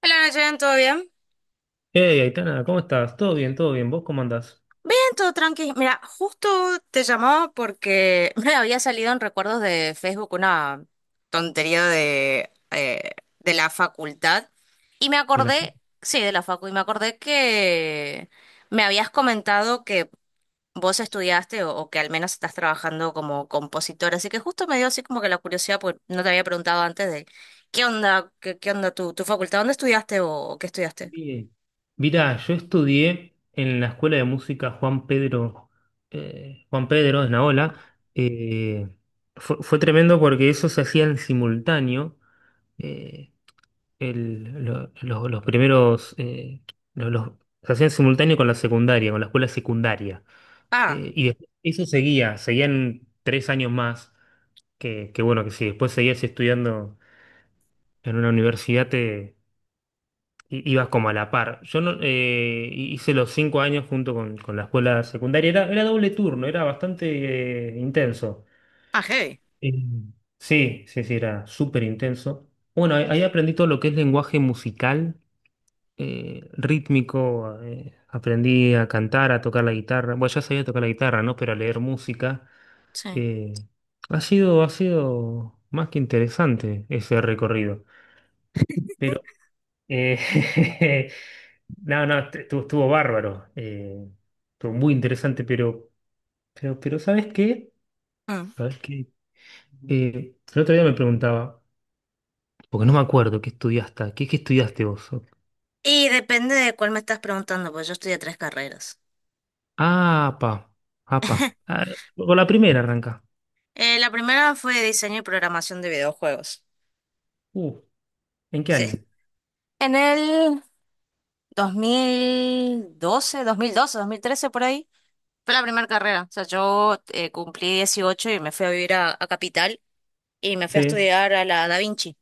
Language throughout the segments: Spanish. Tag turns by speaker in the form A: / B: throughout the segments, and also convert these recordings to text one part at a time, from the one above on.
A: Hola Nayen, ¿todo bien?
B: Hey, Aitana, ¿cómo estás? Todo bien, todo bien. ¿Vos cómo andás?
A: Bien, todo tranqui. Mira, justo te llamaba porque me había salido en recuerdos de Facebook una tontería de de la facultad y me
B: De la fu-
A: acordé, sí, de la facu, y me acordé que me habías comentado que vos estudiaste o que al menos estás trabajando como compositor. Así que justo me dio así como que la curiosidad, porque no te había preguntado antes de qué onda, qué onda tu facultad, ¿dónde estudiaste o qué estudiaste?
B: Bien. Mirá, yo estudié en la Escuela de Música Juan Pedro, Juan Pedro de Naola. Eh, fue tremendo porque eso se hacía en simultáneo. Eh, el- lo- los primeros, lo- los- Se hacía en simultáneo con la secundaria, con la escuela secundaria.
A: Ah,
B: Y después eso seguía, seguían 3 años más, que bueno, que si después seguías estudiando en una universidad ibas como a la par. Yo no, hice los 5 años junto con la escuela secundaria. Era doble turno, era bastante intenso.
A: ah, heavy.
B: Eh, sí, sí, sí, era súper intenso. Bueno, ahí aprendí todo lo que es lenguaje musical, rítmico. Aprendí a cantar, a tocar la guitarra. Bueno, ya sabía tocar la guitarra, ¿no? Pero a leer música.
A: Sí.
B: eh, ha sido más que interesante ese recorrido. Pero eh, no, no, estuvo bárbaro. Estuvo muy interesante, pero ¿sabes qué? ¿Sabes qué? El otro día me preguntaba, porque no me acuerdo qué estudiaste. ¿Qué estudiaste vos?
A: Y depende de cuál me estás preguntando, pues yo estudié tres carreras.
B: Ah, pa, ah, pa. Ah, por la primera arranca.
A: La primera fue diseño y programación de videojuegos.
B: Uh, ¿En qué
A: Sí.
B: año?
A: En el 2012, 2012, 2013 por ahí. Fue la primera carrera. O sea, yo cumplí 18 y me fui a vivir a Capital y me fui a
B: Sí.
A: estudiar a la Da Vinci.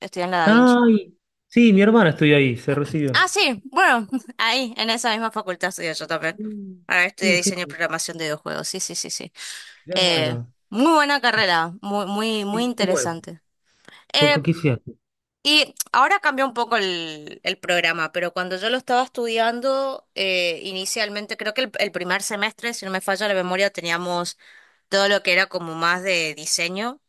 A: Estudié en la Da Vinci.
B: Ay, sí, mi hermana estudió ahí, se recibió.
A: Ah, sí, bueno, ahí, en esa misma facultad estudié yo también.
B: Mm.
A: Ahora estudié
B: Sí, sí,
A: diseño y programación de videojuegos. Sí, sí, sí, sí. Eh,
B: claro.
A: Muy buena carrera, muy, muy, muy
B: ¿Y cómo es?
A: interesante.
B: ¿Con,
A: Eh,
B: con qué estudiaste?
A: y ahora cambió un poco el programa, pero cuando yo lo estaba estudiando, inicialmente creo que el primer semestre, si no me falla la memoria, teníamos todo lo que era como más de diseño,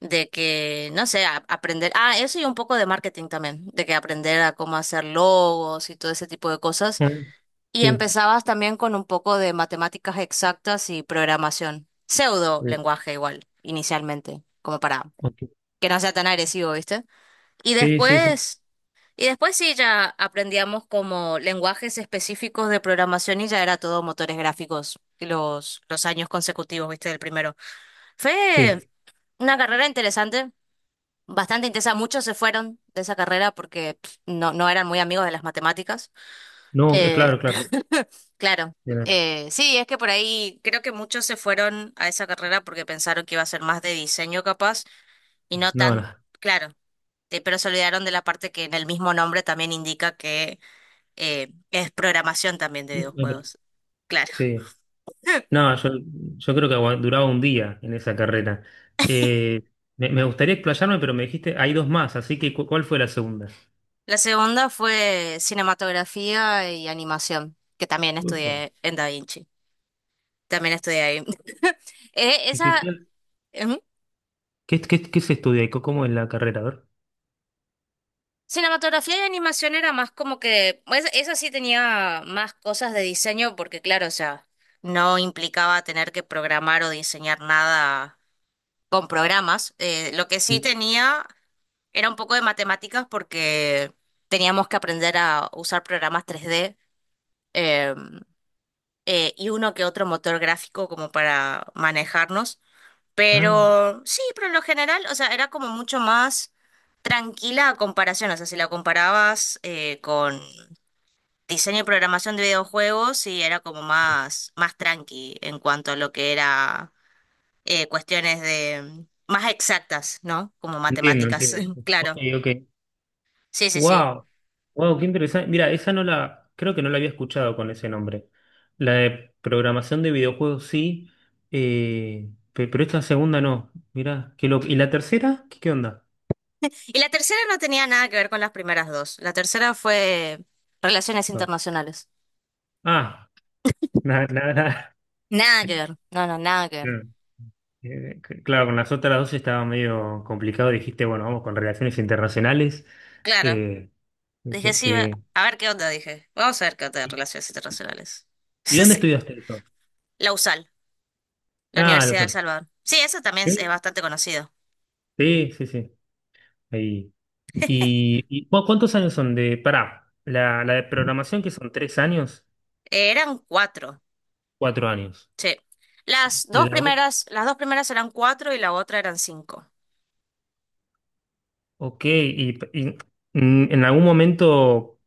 A: de que, no sé, aprender, ah, eso y un poco de marketing también, de que aprender a cómo hacer logos y todo ese tipo de cosas.
B: Ah.
A: Y
B: Sí.
A: empezabas también con un poco de matemáticas exactas y programación, pseudo
B: Uh,
A: lenguaje igual, inicialmente, como para
B: ok.
A: que no sea tan agresivo, ¿viste? Y
B: Sí, sí, sí.
A: después, y después sí ya aprendíamos como lenguajes específicos de programación y ya era todo motores gráficos los años consecutivos, viste, del primero.
B: Sí.
A: Fue una carrera interesante, bastante intensa. Muchos se fueron de esa carrera porque pf, no, no eran muy amigos de las matemáticas.
B: No,
A: Eh,
B: claro, claro.
A: claro.
B: Bien.
A: Sí, es que por ahí creo que muchos se fueron a esa carrera porque pensaron que iba a ser más de diseño capaz y no
B: No,
A: tan,
B: no.
A: claro, pero se olvidaron de la parte que en el mismo nombre también indica que es programación también de videojuegos. Claro.
B: Sí. No, yo creo que duraba un día en esa carrera. Eh, me gustaría explayarme, pero me dijiste, hay dos más, así que ¿cuál fue la segunda?
A: La segunda fue cinematografía y animación, que también
B: Ufa.
A: estudié en Da Vinci. También estudié ahí.
B: ¿Y qué,
A: Esa ujú.
B: qué, qué- qué- qué se estudia y cómo es la carrera? A ver.
A: Cinematografía y animación era más como que, pues, esa sí tenía más cosas de diseño, porque claro, o sea, no implicaba tener que programar o diseñar nada con programas. Lo que sí
B: Mm.
A: tenía era un poco de matemáticas porque teníamos que aprender a usar programas tres d em, y uno que otro motor gráfico como para manejarnos.
B: Ah,
A: Pero sí, pero en lo general, o sea, era como mucho más tranquila a comparación. O sea, si la comparabas con diseño y programación de videojuegos, sí, era como más, más tranqui en cuanto a lo que era cuestiones de más exactas, ¿no? Como
B: entiendo,
A: matemáticas,
B: entiendo. Ok,
A: claro.
B: ok.
A: Sí, sí, sí.
B: Wow, wow, qué interesante. Mira, esa no la, creo que no la había escuchado con ese nombre. La de programación de videojuegos sí, pero esta segunda no. Mira, qué loco. ¿Y la tercera? ¿Qué onda?
A: Y la tercera no tenía nada que ver con las primeras dos. La tercera fue relaciones
B: Ah.
A: internacionales.
B: Ah, nada, nada, nada.
A: Nada que ver. No, no, nada que ver.
B: Claro. Claro, con las otras dos estaba medio complicado. Dijiste, bueno, vamos con relaciones internacionales.
A: Claro,
B: Eh,
A: dije
B: que,
A: sí,
B: que-
A: a ver qué onda, dije. Vamos a ver qué onda de
B: ¿Y
A: relaciones internacionales.
B: y dónde
A: Sí.
B: estudiaste eso?
A: La USAL, la
B: Ah, lo
A: Universidad de El
B: sé.
A: Salvador. Sí, eso también es
B: Sí,
A: bastante conocido.
B: sí, sí, sí. Ahí. ¿Y cuántos años son de, pará, la de programación que son 3 años,
A: Eran cuatro,
B: 4 años?
A: sí.
B: La, o-
A: Las dos primeras eran cuatro y la otra eran cinco.
B: ok, en algún momento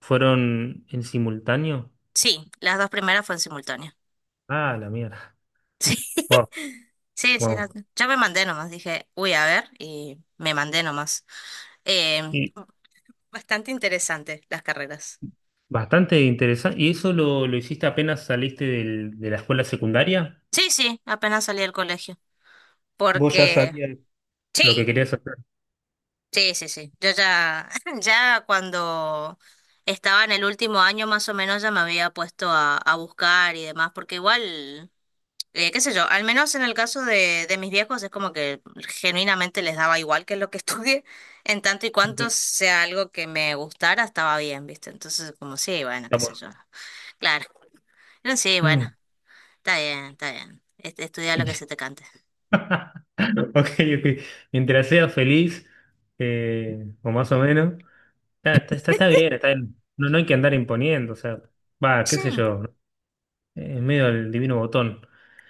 B: fueron en simultáneo.
A: Sí, las dos primeras fueron simultáneas.
B: Ah, la mierda.
A: Sí,
B: Wow,
A: sí, sí. no-
B: wow.
A: yo me mandé nomás, dije, uy, a ver, y me mandé nomás. Eh,
B: Y
A: Bastante interesante las carreras.
B: bastante interesante. ¿Y eso lo hiciste apenas saliste de la escuela secundaria?
A: Sí, sí, apenas salí del colegio.
B: ¿Vos ya
A: Porque
B: sabías lo que
A: sí,
B: querías hacer?
A: sí, sí, sí. Yo ya, ya cuando estaba en el último año más o menos ya me había puesto a buscar y demás, porque igual, qué sé yo, al menos en el caso de mis viejos es como que genuinamente les daba igual que lo que estudié, en tanto y
B: Ok,
A: cuanto sea algo que me gustara, estaba bien, ¿viste? Entonces, como sí, bueno,
B: está
A: qué sé
B: bueno.
A: yo. Claro. Pero sí, bueno,
B: Mm.
A: está bien, está bien. Estudia lo que se te cante.
B: Ok, ok. Mientras seas feliz, o más o menos. Ah, está bien, está bien. No, no hay que andar imponiendo, o sea, va, qué sé yo, es medio el divino botón.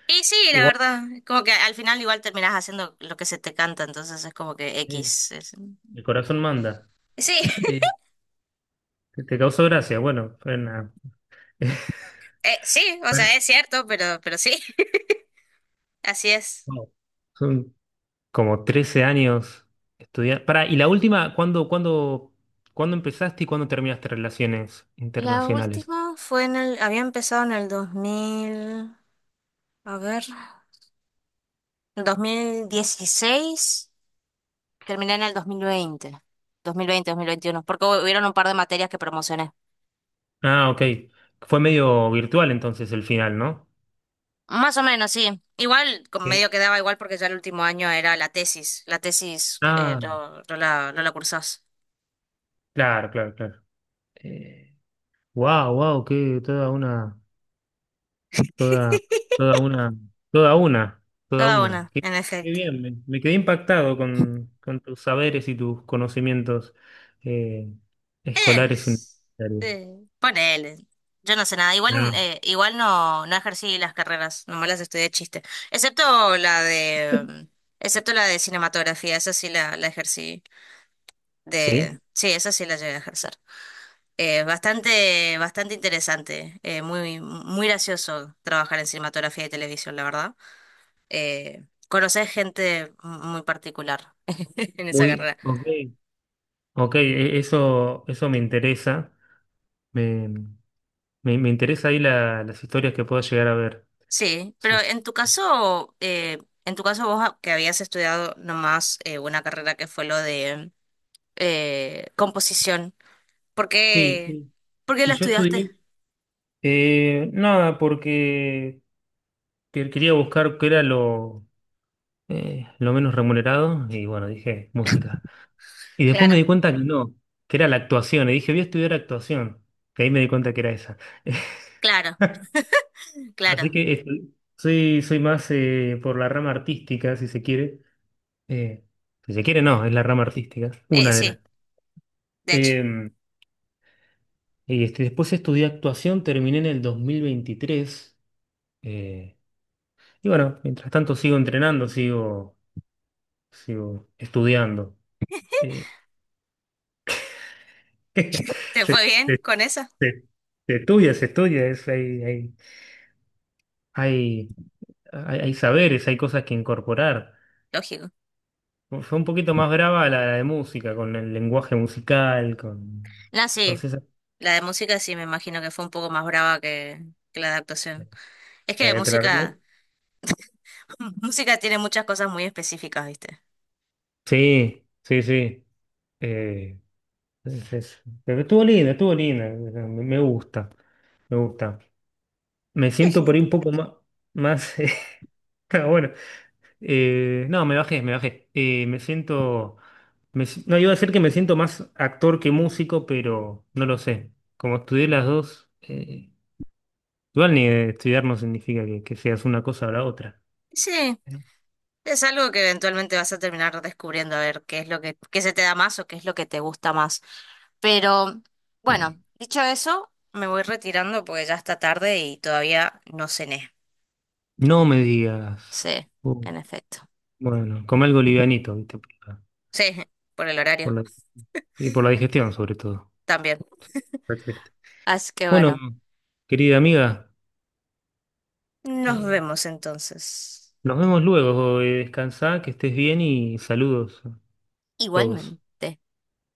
A: Y sí, la
B: Igual,
A: verdad, como que al final igual terminás haciendo lo que se te canta, entonces es como que
B: eh,
A: X. Es-
B: el corazón manda.
A: Sí,
B: Eh, te causó gracia, bueno,
A: sí, o
B: bueno,
A: sea, es cierto, pero sí, así es.
B: no, son como 13 años estudiando. Pará, y la última, ¿cuándo empezaste y cuándo terminaste relaciones
A: La
B: internacionales?
A: última fue en el, había empezado en el 2000 a ver, dos mil dieciséis, terminé en el dos dos mil mil veinte dos mil veinte dos mil veintiuno porque hubieron un par de materias que promocioné.
B: Ah, ok. Fue medio virtual entonces el final, ¿no?
A: Más o menos, sí. Igual, medio
B: Sí.
A: quedaba igual porque ya el último año era la tesis. La tesis
B: Ah,
A: no, no la cursás.
B: claro, claro, claro. Eh, wow, wow, qué toda una. Toda, Toda una, toda una, toda
A: Toda
B: una.
A: una,
B: Qué,
A: en
B: qué
A: efecto.
B: bien, me quedé impactado con tus saberes y tus conocimientos eh, escolares
A: Es.
B: universitarios.
A: Sí, ponele. Yo no sé nada. Igual,
B: Ah,
A: igual no, no ejercí las carreras, nomás las estudié de chiste. Excepto la de, excepto la de cinematografía, esa sí la ejercí de,
B: sí,
A: sí, esa sí la llegué a ejercer. Bastante, bastante interesante, muy, muy gracioso trabajar en cinematografía y televisión, la verdad. Conocer gente muy particular en esa carrera.
B: ok, ok, eso me interesa. Me, me interesa ahí las historias que puedo llegar a ver.
A: Sí, pero
B: Eso.
A: en tu caso vos que habías estudiado nomás una carrera que fue lo de composición, ¿por
B: Sí,
A: qué,
B: y,
A: por qué
B: y
A: la
B: yo
A: estudiaste?
B: estudié, nada, porque quería buscar qué era lo menos remunerado y bueno, dije música. Y después me
A: Claro,
B: di cuenta que no, que era la actuación. Y dije, voy a estudiar actuación. Que ahí me di cuenta que era esa.
A: claro,
B: Así
A: claro.
B: que soy más por la rama artística, si se quiere. Eh, si se quiere, no, es la rama artística. Una de
A: Sí,
B: las.
A: de hecho,
B: Eh, Después estudié actuación, terminé en el 2023. eh, y bueno, mientras tanto sigo entrenando, sigo estudiando. Eh,
A: ¿te
B: se,
A: fue bien
B: se-
A: con esa?
B: se- se estudia, es, hay, hay, hay hay, hay saberes, hay cosas que incorporar.
A: Lógico.
B: Fue un poquito más brava la de música, con el lenguaje musical, con...
A: No, sí,
B: Entonces,
A: la de música sí me imagino que fue un poco más brava que la de actuación. Es que
B: te la arreglo.
A: música, música tiene muchas cosas muy específicas, ¿viste?
B: Sí, sí, sí. Eh, pero estuvo linda, estuvo linda. Me gusta, me gusta. Me
A: Es
B: siento por ahí
A: lindo.
B: un poco más... más ah, bueno, no, me bajé, me bajé. Me siento... me si- No, iba a decir que me siento más actor que músico, pero no lo sé. Como estudié las dos... Igual ni estudiar no significa que seas una cosa o la otra.
A: Sí,
B: ¿Eh?
A: es algo que eventualmente vas a terminar descubriendo a ver qué es lo que, qué se te da más o qué es lo que te gusta más. Pero bueno, dicho eso, me voy retirando porque ya está tarde y todavía no cené.
B: No me digas.
A: Sí,
B: Uh,
A: en efecto.
B: bueno, come algo livianito, ¿viste?
A: Sí, por el
B: Por
A: horario
B: la- y por la digestión, sobre todo.
A: también.
B: Perfecto.
A: Así que
B: Bueno,
A: bueno,
B: querida amiga,
A: nos
B: eh,
A: vemos entonces.
B: nos vemos luego. Descansá, que estés bien y saludos a todos.
A: Igualmente.